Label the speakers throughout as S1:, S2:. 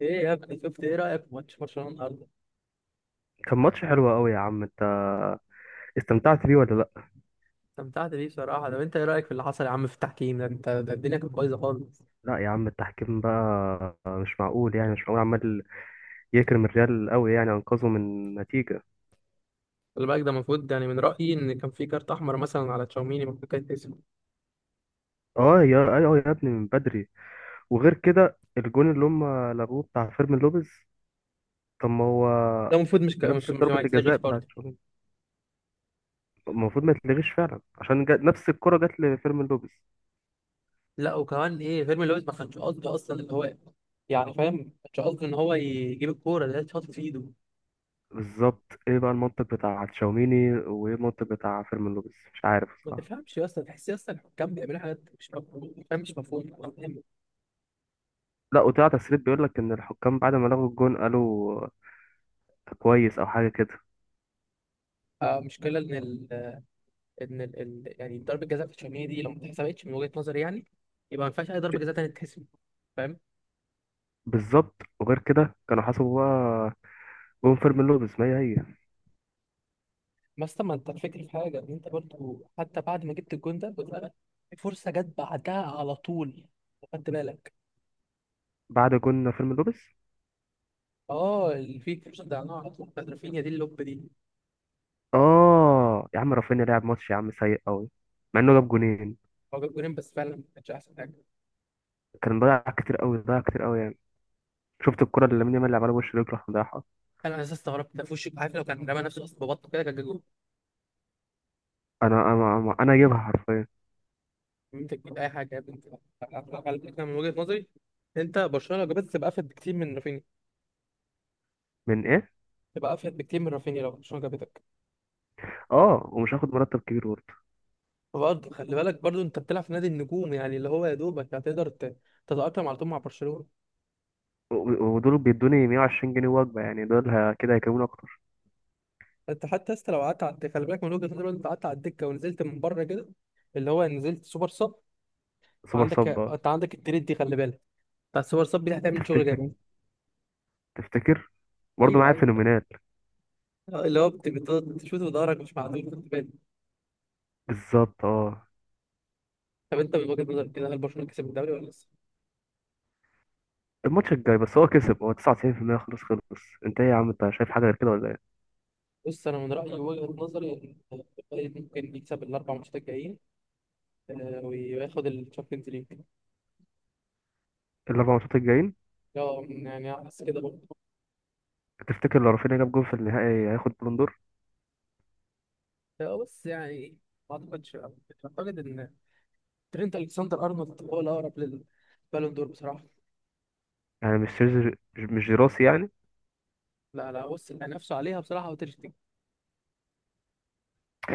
S1: ايه يا ابني، شفت؟ ايه رايك في ماتش برشلونه النهارده؟
S2: كان ماتش حلو قوي يا عم. انت استمتعت بيه ولا لا؟
S1: استمتعت بيه بصراحه. طب انت ايه رايك في اللي حصل يا عم في التحكيم ده؟ انت ده الدنيا كانت بايظه خالص.
S2: لا يا عم، التحكيم بقى مش معقول، يعني مش معقول. عمال يكرم الريال قوي، يعني انقذه من نتيجة.
S1: خلي بالك ده المفروض، يعني من رايي ان كان في كارت احمر مثلا على تشاوميني المفروض كان يتحسب.
S2: اه يا ايوه يا ابني، من بدري. وغير كده الجون اللي هم لغوه بتاع فيرمين لوبيز، طب ما هو
S1: ده المفروض
S2: نفس
S1: مش
S2: ضربة
S1: ما
S2: الجزاء
S1: يتلغيش
S2: بتاعت
S1: برضه.
S2: شوبير. المفروض ما يتلغيش فعلا عشان نفس الكرة جت لفيرمين لوبيز.
S1: لا وكمان ايه، فيرمين لويس ما كانش قصده اصلا، اللي هو يعني فاهم، ما كانش قصده ان هو يجيب الكوره، ده اتشاط في ايده.
S2: بالظبط، ايه بقى المنطق بتاع تشاوميني وايه المنطق بتاع فيرمين لوبيز؟ مش عارف
S1: ما
S2: بصراحة.
S1: تفهمش يا اسطى، تحس يا اسطى الحكام بيعملوا حاجات مش مفهومه، فاهم، مش مفهومه.
S2: لا، وطلع تسريب بيقول لك ان الحكام بعد ما لغوا الجون قالوا كويس او حاجه كده.
S1: آه، مشكله ان يعني ضربه جزاء في تشاوميني دي لو ما اتحسبتش من وجهه نظري، يعني يبقى ما ينفعش اي ضربه جزاء تانية تتحسب، فاهم.
S2: بالظبط. وغير كده كانوا حسبوا بقى جون فيرمين لوبيز، ما هي هي.
S1: بس طب ما انت، الفكره في حاجه، ان انت برضو حتى بعد ما جبت الجون ده بالفعل، في فرصه جت بعدها على طول، خدت بالك؟
S2: بعد جون فيرمين لوبيز.
S1: اه، اللي في فرصه ضيعناها على طول بتاعت رافينيا دي، اللوب دي.
S2: اه يا عم، رافينيا لعب ماتش يا عم سيء قوي، مع انه جاب جونين.
S1: هو جاب جولين بس فعلا ما كانش احسن حاجه.
S2: كان ضيع كتير قوي، ضيع كتير قوي يعني. شفت الكرة اللي لامين يامال لعبها له، وش رجله راح مضيعها.
S1: انا اساسا استغربت، ده في وشك عارف، لو كان رمى نفسه اصلا ببطه كده كان جاب جول.
S2: انا انا انا أنا جايبها حرفيا.
S1: انت تجيب اي حاجه يا بنت. على فكره، من وجهه نظري، انت برشلونه لو جابتك تبقى افيد بكتير من رافينيا.
S2: من ايه؟
S1: تبقى افيد بكتير من رافينيا لو برشلونه جابتك.
S2: اه، ومش هاخد مرتب كبير برضه.
S1: برضه خلي بالك، برضه انت بتلعب في نادي النجوم، يعني اللي هو يا دوبك هتقدر تتأقلم على طول مع برشلونة.
S2: و- ودول بيدوني 120 جنيه وجبة، يعني دول كده هيكلموني اكتر.
S1: انت حتى لسه، لو قعدت على الدكة، خلي بالك من وجهة نظري، لو انت قعدت على الدكة ونزلت من بره كده، اللي هو نزلت سوبر صب.
S2: سوبر
S1: عندك،
S2: صب.
S1: انت عندك التريد دي خلي بالك، بتاع السوبر صب دي هتعمل شغل جامد.
S2: تفتكر؟ تفتكر؟ برضه
S1: ايوه،
S2: معايا
S1: ايوه.
S2: فينومينال.
S1: اللي هو بتشوط بضهرك، مش معدول خد بالك.
S2: بالظبط اه.
S1: طب انت من وجهة نظرك كده، هل برشلونة كسب الدوري ولا لسه؟
S2: الماتش الجاي بس هو كسب، هو 99% خلاص خلص. انت ايه يا عم؟ انت شايف حاجه غير كده ولا ايه؟
S1: بص، انا من رأيي وجهة نظري ان الريال ممكن يكسب الاربع ماتشات الجايين، آه، وياخد الشامبيونز ليج.
S2: الاربع ماتشات الجايين؟
S1: اه يعني حاسس كده برضه.
S2: تفتكر لو رافينيا جاب جول في النهائي هياخد بالون دور؟
S1: هو بس يعني ما اعتقدش، اعتقد ان ترينت الكسندر ارنولد هو الاقرب للبالون دور بصراحه.
S2: يعني مش جيراسي يعني؟
S1: لا لا، بص، اللي هينافسوا عليها بصراحه هو تير شتيجن،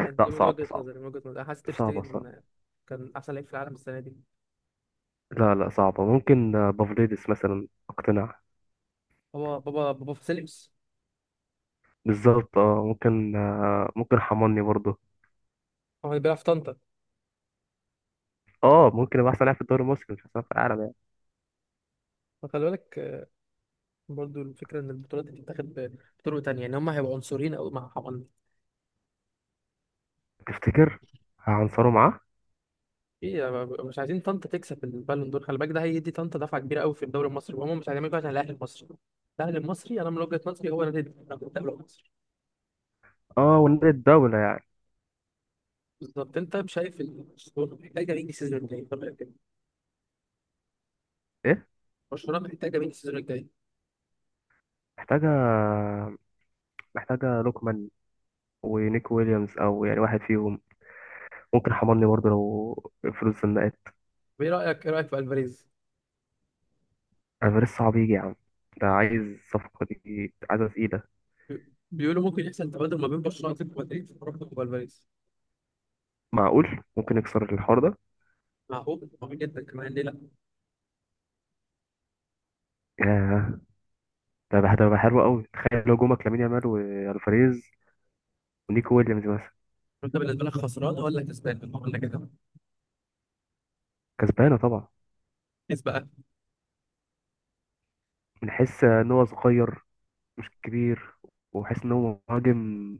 S1: يعني دي من
S2: صعبه
S1: وجهه
S2: صعبه،
S1: نظري من وجهه نظري انا حاسس تير
S2: صعبه صعبه.
S1: شتيجن كان احسن لعيب في العالم السنه دي.
S2: لا لا صعبه، ممكن بافليدس مثلا اقتنع.
S1: هو بابا فاسيليوس،
S2: بالظبط اه، ممكن ممكن حماني برضه.
S1: هو اللي بيلعب في طنطا.
S2: اه، ممكن يبقى احسن لاعب في الدوري المصري، مش احسن لاعب في العالم يعني.
S1: فخلي بالك، برضو الفكره ان البطولات دي بتتاخد بطرق تانية، يعني هم هيبقوا عنصريين او مع.
S2: تفتكر؟ هعنصره معاه.
S1: ايه، مش عايزين طنطا تكسب البالون دور، خلي بالك، ده هيدي طنطا دفعه كبيره قوي في الدوري المصري، وهم مش هيعملوا كده عشان الاهلي المصري. الاهلي المصري انا من وجهه نظري هو نادي الدوري المصري.
S2: اه، ونادي الدوله يعني.
S1: بالظبط، انت شايف برشلونه محتاجه مين السيزون الجاي؟ طب إيه كده؟
S2: ايه؟
S1: برشلونه محتاجه مين السيزون الجاي؟
S2: محتاجه. محتاجه لوكمان ونيك ويليامز، او يعني واحد فيهم. ممكن حضرني برضه لو فلوس زنقت.
S1: طب ايه رايك في الفاريز؟
S2: افريز صعب يجي يا عم، ده عايز صفقة، دي عايزة تقيلة.
S1: بيقولوا ممكن يحصل تبادل ما بين برشلونه واتلتيكو مدريد، وربط والفاريز.
S2: معقول، ممكن يكسر الحوار ده.
S1: معقول، معقول جدا كمان، ليه لا.
S2: ياه. ده بقى حلو قوي. تخيل لو جومك لامين يامال والفاريز ونيكو ويليامز مثلا.
S1: انت بالنسبه لك خسران ولا كسبان ولا كده؟
S2: كسبانة طبعا.
S1: كسب بقى.
S2: بنحس ان هو صغير، مش كبير. وحس ان هو مهاجم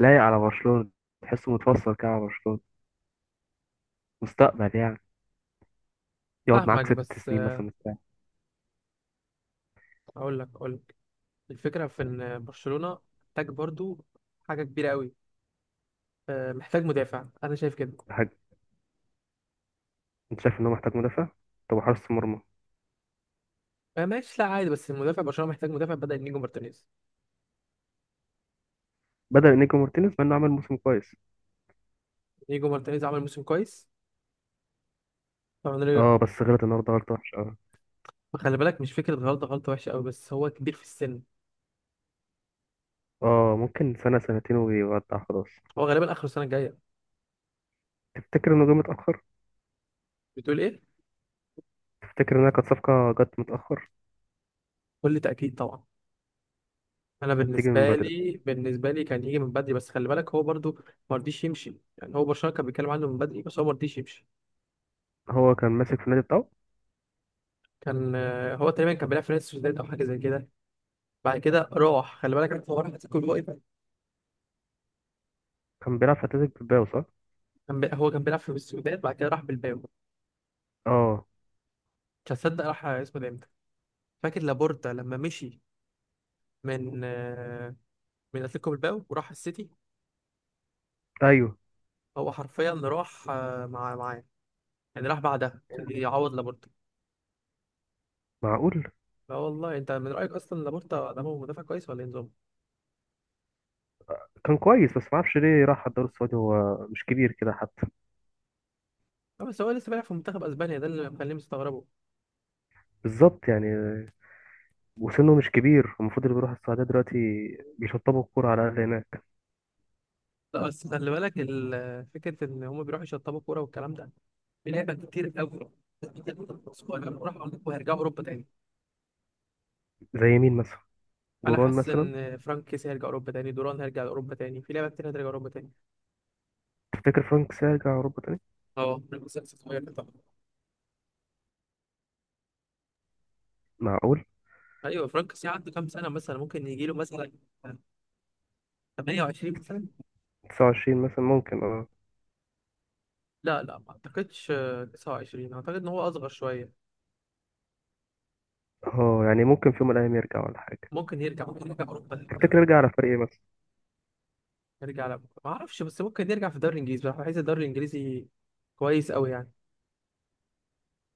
S2: لايق على برشلونة. تحسه متفصل كده على برشلونة. مستقبل يعني، يقعد
S1: فاهمك
S2: معاك ست
S1: بس
S2: سنين مثلا بتاع.
S1: اقول لك الفكرة في إن برشلونة محتاج برضو حاجة كبيرة قوي، محتاج مدافع أنا شايف كده.
S2: حاجة؟ انت شايف ان هو محتاج مدافع؟ طب حارس مرمى؟
S1: آه، ماشي. لا عادي، بس المدافع، برشلونة محتاج مدافع بدأ نيجو مارتينيز.
S2: بدل نيكو مارتينيز، مع انه عمل موسم كويس.
S1: نيجو مارتينيز عمل موسم كويس. طبعا
S2: اه بس غلط النهارده، غلط وحش اه.
S1: خلي بالك، مش فكرة غلطة، غلطة وحشة قوي بس هو كبير في السن.
S2: اه، ممكن سنة سنتين ويودع خلاص.
S1: هو غالبا آخر السنة الجاية.
S2: تفتكر انه جه متأخر؟
S1: بتقول إيه؟
S2: تفتكر انها كانت صفقة جت متأخر؟
S1: كل تأكيد طبعا. أنا
S2: كانت تيجي من
S1: بالنسبة
S2: بدري.
S1: لي بالنسبة لي كان يجي من بدري، بس خلي بالك هو برضو ما رضيش يمشي، يعني هو برشلونة كان بيتكلم عنه من بدري بس هو ما رضيش يمشي.
S2: هو كان ماسك في النادي بتاعه.
S1: كان هو تقريبا كان بيلعب في نادي السوسيداد أو حاجة زي كده. بعد كده راح، خلي بالك انت، هو راح اتلتيكو الوقت.
S2: كان بيلعب في اتلتيك بالباو صح؟
S1: هو كان بيلعب في السودان، بعد كده راح بالباو.
S2: اه.
S1: مش هتصدق راح اسمه ده امتى. فاكر لابورتا لما مشي من من اتلتيكو بالباو وراح السيتي.
S2: ايوه.
S1: هو حرفيا راح معاه، يعني راح بعدها يعوض لابورتا.
S2: معقول.
S1: لا والله، انت من رايك اصلا لابورتا ده هو مدافع كويس ولا ايه نظامه؟
S2: كان كويس بس معرفش ليه راح الدوري السعودي، هو مش كبير كده حتى.
S1: لا بس هو لسه بيلعب في منتخب اسبانيا، ده اللي مخليني مستغربه.
S2: بالظبط يعني، وسنه مش كبير. المفروض اللي بيروح السعودية دلوقتي بيشطبوا الكورة على الأقل هناك.
S1: لا بس خلي بالك، فكره ان هم بيروحوا يشطبوا كوره والكلام ده، في لعبه كتير قوي. راح اوروبا، هيرجعوا اوروبا تاني.
S2: زي مين مثلا؟
S1: انا
S2: دوران
S1: حاسس
S2: مثلا؟
S1: ان فرانك كيسي هيرجع اوروبا تاني، دوران هيرجع اوروبا تاني، في لعبه كتير هترجع اوروبا تاني.
S2: تفتكر فرانك سيرجع أوروبا تاني؟
S1: اه، فرانك كيسي لسه صغير طبعا.
S2: معقول.
S1: ايوه، فرانك كيسي عنده كام سنه مثلا، ممكن يجي له مثلا 28 مثلا.
S2: 29 مثلا ممكن اه.
S1: لا لا، ما اعتقدش، 29، اعتقد ان هو اصغر شويه.
S2: اه، يعني ممكن في يوم من الايام يرجع ولا حاجه.
S1: ممكن يرجع اوروبا.
S2: تفتكر يرجع على فريق ايه مثلا؟
S1: يرجع، لا، ما اعرفش، بس ممكن يرجع في الدوري الانجليزي بصراحه، بحس الدوري الانجليزي كويس قوي يعني.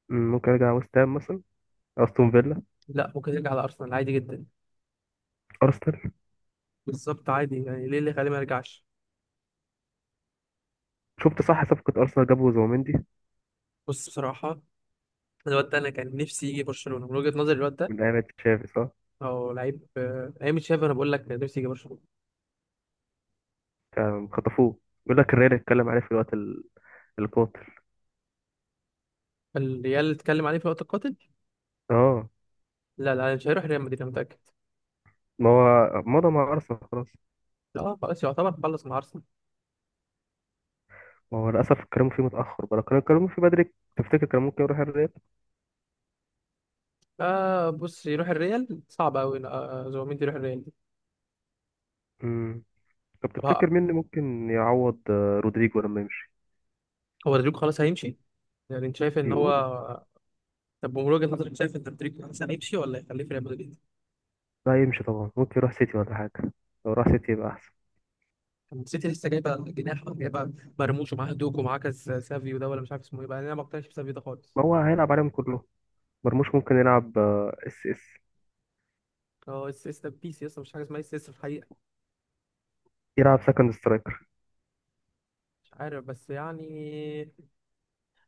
S2: ممكن يرجع ويست هام مثلا، استون فيلا.
S1: لا، ممكن يرجع على ارسنال عادي جدا.
S2: ارسنال.
S1: بالظبط، عادي يعني، ليه اللي خليه ما يرجعش.
S2: شفت صح؟ صفقه ارسنال جابوا زوميندي.
S1: بص بصراحه، الواد ده انا كان نفسي يجي برشلونه، من وجهه نظري الواد ده
S2: من ايام تشافي صح.
S1: هو لعيب، ايام تشافي، انا بقول لك نفسي يجي برشلونه.
S2: كان خطفوه. بيقول لك الريال اتكلم عليه في الوقت القاتل.
S1: الريال اتكلم عليه في وقت القاتل.
S2: اه.
S1: لا لا، مش هيروح ريال مدريد، انا متاكد.
S2: ما هو مضى مع ارسنال خلاص.
S1: اه خلاص، يعتبر خلص مع ارسنال.
S2: ما هو للاسف اتكلموا فيه متاخر بقى. لو كانوا اتكلموا فيه بدري تفتكر كان ممكن يروح الريال؟
S1: آه بص، يروح الريال صعب قوي، زوميندي يروح الريال دي.
S2: امم طب
S1: طب
S2: تفتكر مين اللي ممكن يعوض رودريجو لما يمشي؟
S1: هو رودريجو خلاص هيمشي، يعني انت شايف ان هو؟
S2: بيقولوا.
S1: طب من وجهه نظرك شايف ان رودريجو خلاص هيمشي ولا يخليه في ريال مدريد؟
S2: لا، يمشي طبعا، ممكن يروح سيتي ولا حاجه. لو راح سيتي يبقى احسن.
S1: طب السيتي لسه جايبه جناح، جايبه مرموش ومعاه دوك ومعاه كاس، سافيو ده ولا مش عارف اسمه ايه بقى، انا ما اقتنعش بسافيو ده خالص.
S2: ما هو هيلعب عليهم كلهم. مرموش ممكن يلعب اس اس.
S1: هو اس اس ده بيس يا اسطى، مش حاجه اسمها اس اس في الحقيقه.
S2: يلعب سكند سترايكر.
S1: مش عارف بس يعني،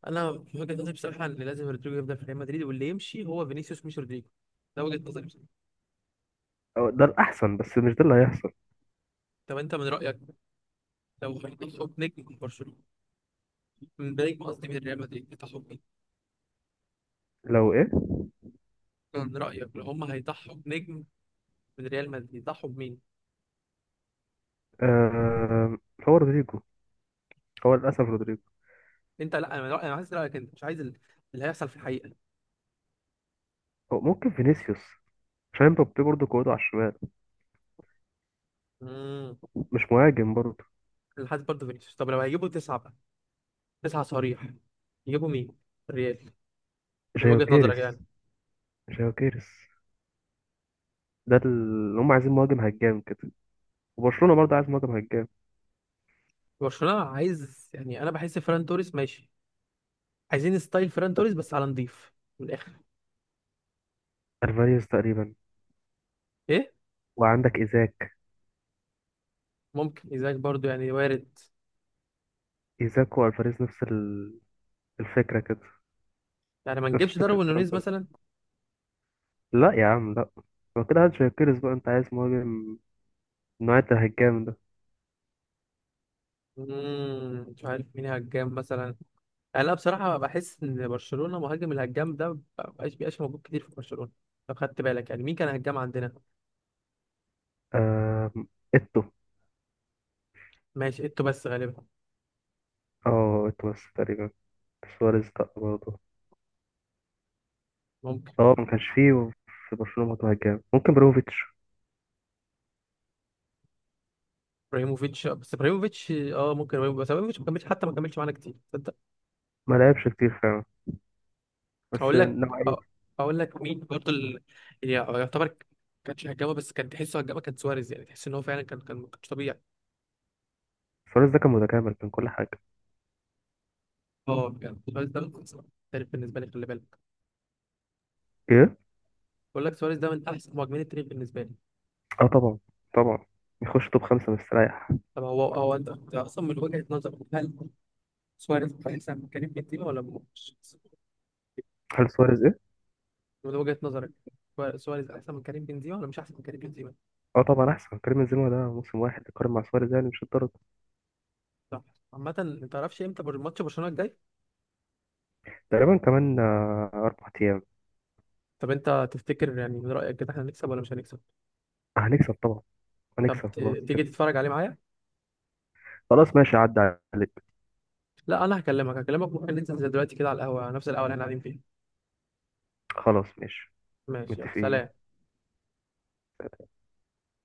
S1: انا في وجهه نظري بصراحه ان لازم رودريجو يفضل في ريال مدريد، واللي يمشي هو فينيسيوس مش رودريجو. ده وجهه نظري بصراحه.
S2: ده الأحسن، بس مش ده اللي هيحصل.
S1: طب انت من رايك، لو هيضحوا بنجم من برشلونه، من نجم قصدي من ريال مدريد، يضحوا بمين؟
S2: لو إيه؟
S1: من رايك لو هم هيضحوا بنجم من ريال مدريد، يضحوا بمين؟
S2: آه، هو رودريجو. هو للأسف رودريجو.
S1: انت، لا، انا من رأيي، انا عايز رايك انت، مش عايز اللي هيحصل في الحقيقه.
S2: هو ممكن فينيسيوس عشان مبابي برضه قوته على الشمال،
S1: امم
S2: مش مهاجم برضه.
S1: انا حاسس برضه فينيسيوس. طب لو هيجيبوا تسعه بقى، تسعه صريح، يجيبوا مين؟ الريال. من وجهه نظرك
S2: جايوكيريس.
S1: يعني.
S2: جايوكيريس. ده اللي هم عايزين، مهاجم هجام كده. وبرشلونة برضه عايز مهاجم هجام
S1: برشلونه عايز، يعني انا بحس فران توريس ماشي، عايزين ستايل فران توريس
S2: بس.
S1: بس على نضيف، من الاخر.
S2: الفاريز تقريبا.
S1: ايه.
S2: وعندك إيزاك.
S1: ممكن ايزاك برضو، يعني وارد.
S2: إيزاك والفاريز نفس الفكرة كده.
S1: يعني ما
S2: نفس
S1: نجيبش
S2: فكرة
S1: داروين
S2: الكلام
S1: نونيز
S2: ده.
S1: مثلا؟
S2: لا يا عم لا. هو كده هات جايوكيريس بقى، انت عايز مهاجم النوع ده، هجام ده.
S1: مش عارف مين هجام مثلا يعني. انا بصراحه بحس ان برشلونه مهاجم الهجام ده ما بقاش موجود كتير في برشلونه. لو خدت بالك يعني، مين كان هجام عندنا؟
S2: آم، إتو.
S1: ماشي، ايتو بس غالبا.
S2: اه، إتو بس تقريبا. سواريز لأ برضه.
S1: ممكن
S2: اه، ما كانش فيه في برشلونة برضه هجام. ممكن بروفيتش.
S1: ابراهيموفيتش، بس ابراهيموفيتش ممكن ابراهيموفيتش، بس ابراهيموفيتش ما كملش، حتى ما كملش معانا كتير، تصدق.
S2: ما لعبش كتير فعلا، بس
S1: اقول لك
S2: نوعية.
S1: اقول لك مين برضو اللي يعني يعتبر كانش هجامه، بس كان تحسه هجامه، كان سواريز، يعني تحس ان هو فعلا كان مش طبيعي.
S2: سواريز ده كان متكامل، كان كل حاجة.
S1: اه بجد، سواريز ده من احسن التاريخ بالنسبه لي، خلي بالك.
S2: ايه؟
S1: بقول لك سواريز ده من احسن مهاجمين التاريخ بالنسبه لي.
S2: اه طبعا. طبعا. يخش توب خمسة مستريح.
S1: طب هو أنت اصلا من وجهه نظرك، هل سواريز احسن من كريم بنزيما ولا مش؟
S2: هل سواريز ايه؟
S1: من وجهه نظرك، سواريز احسن من كريم بنزيما ولا مش احسن من كريم بنزيما؟
S2: اه طبعا أحسن، كريم بنزيما ده موسم واحد يقارن مع سواريز؟ يعني مش الدرجة.
S1: صح. عامه، ما تعرفش امتى ماتش برشلونه الجاي؟
S2: تقريبا كمان أربع أيام.
S1: طب انت تفتكر، يعني من رايك كده احنا هنكسب ولا مش هنكسب؟
S2: هنكسب طبعا.
S1: طب
S2: هنكسب خلاص كده.
S1: تيجي تتفرج عليه معايا؟
S2: خلاص ماشي، عدى عليك.
S1: لا، انا هكلمك، ممكن ننزل زي دلوقتي كده على القهوه، نفس القهوه اللي احنا قاعدين فيها.
S2: خلاص ماشي.
S1: ماشي، يلا
S2: متفقين.
S1: سلام.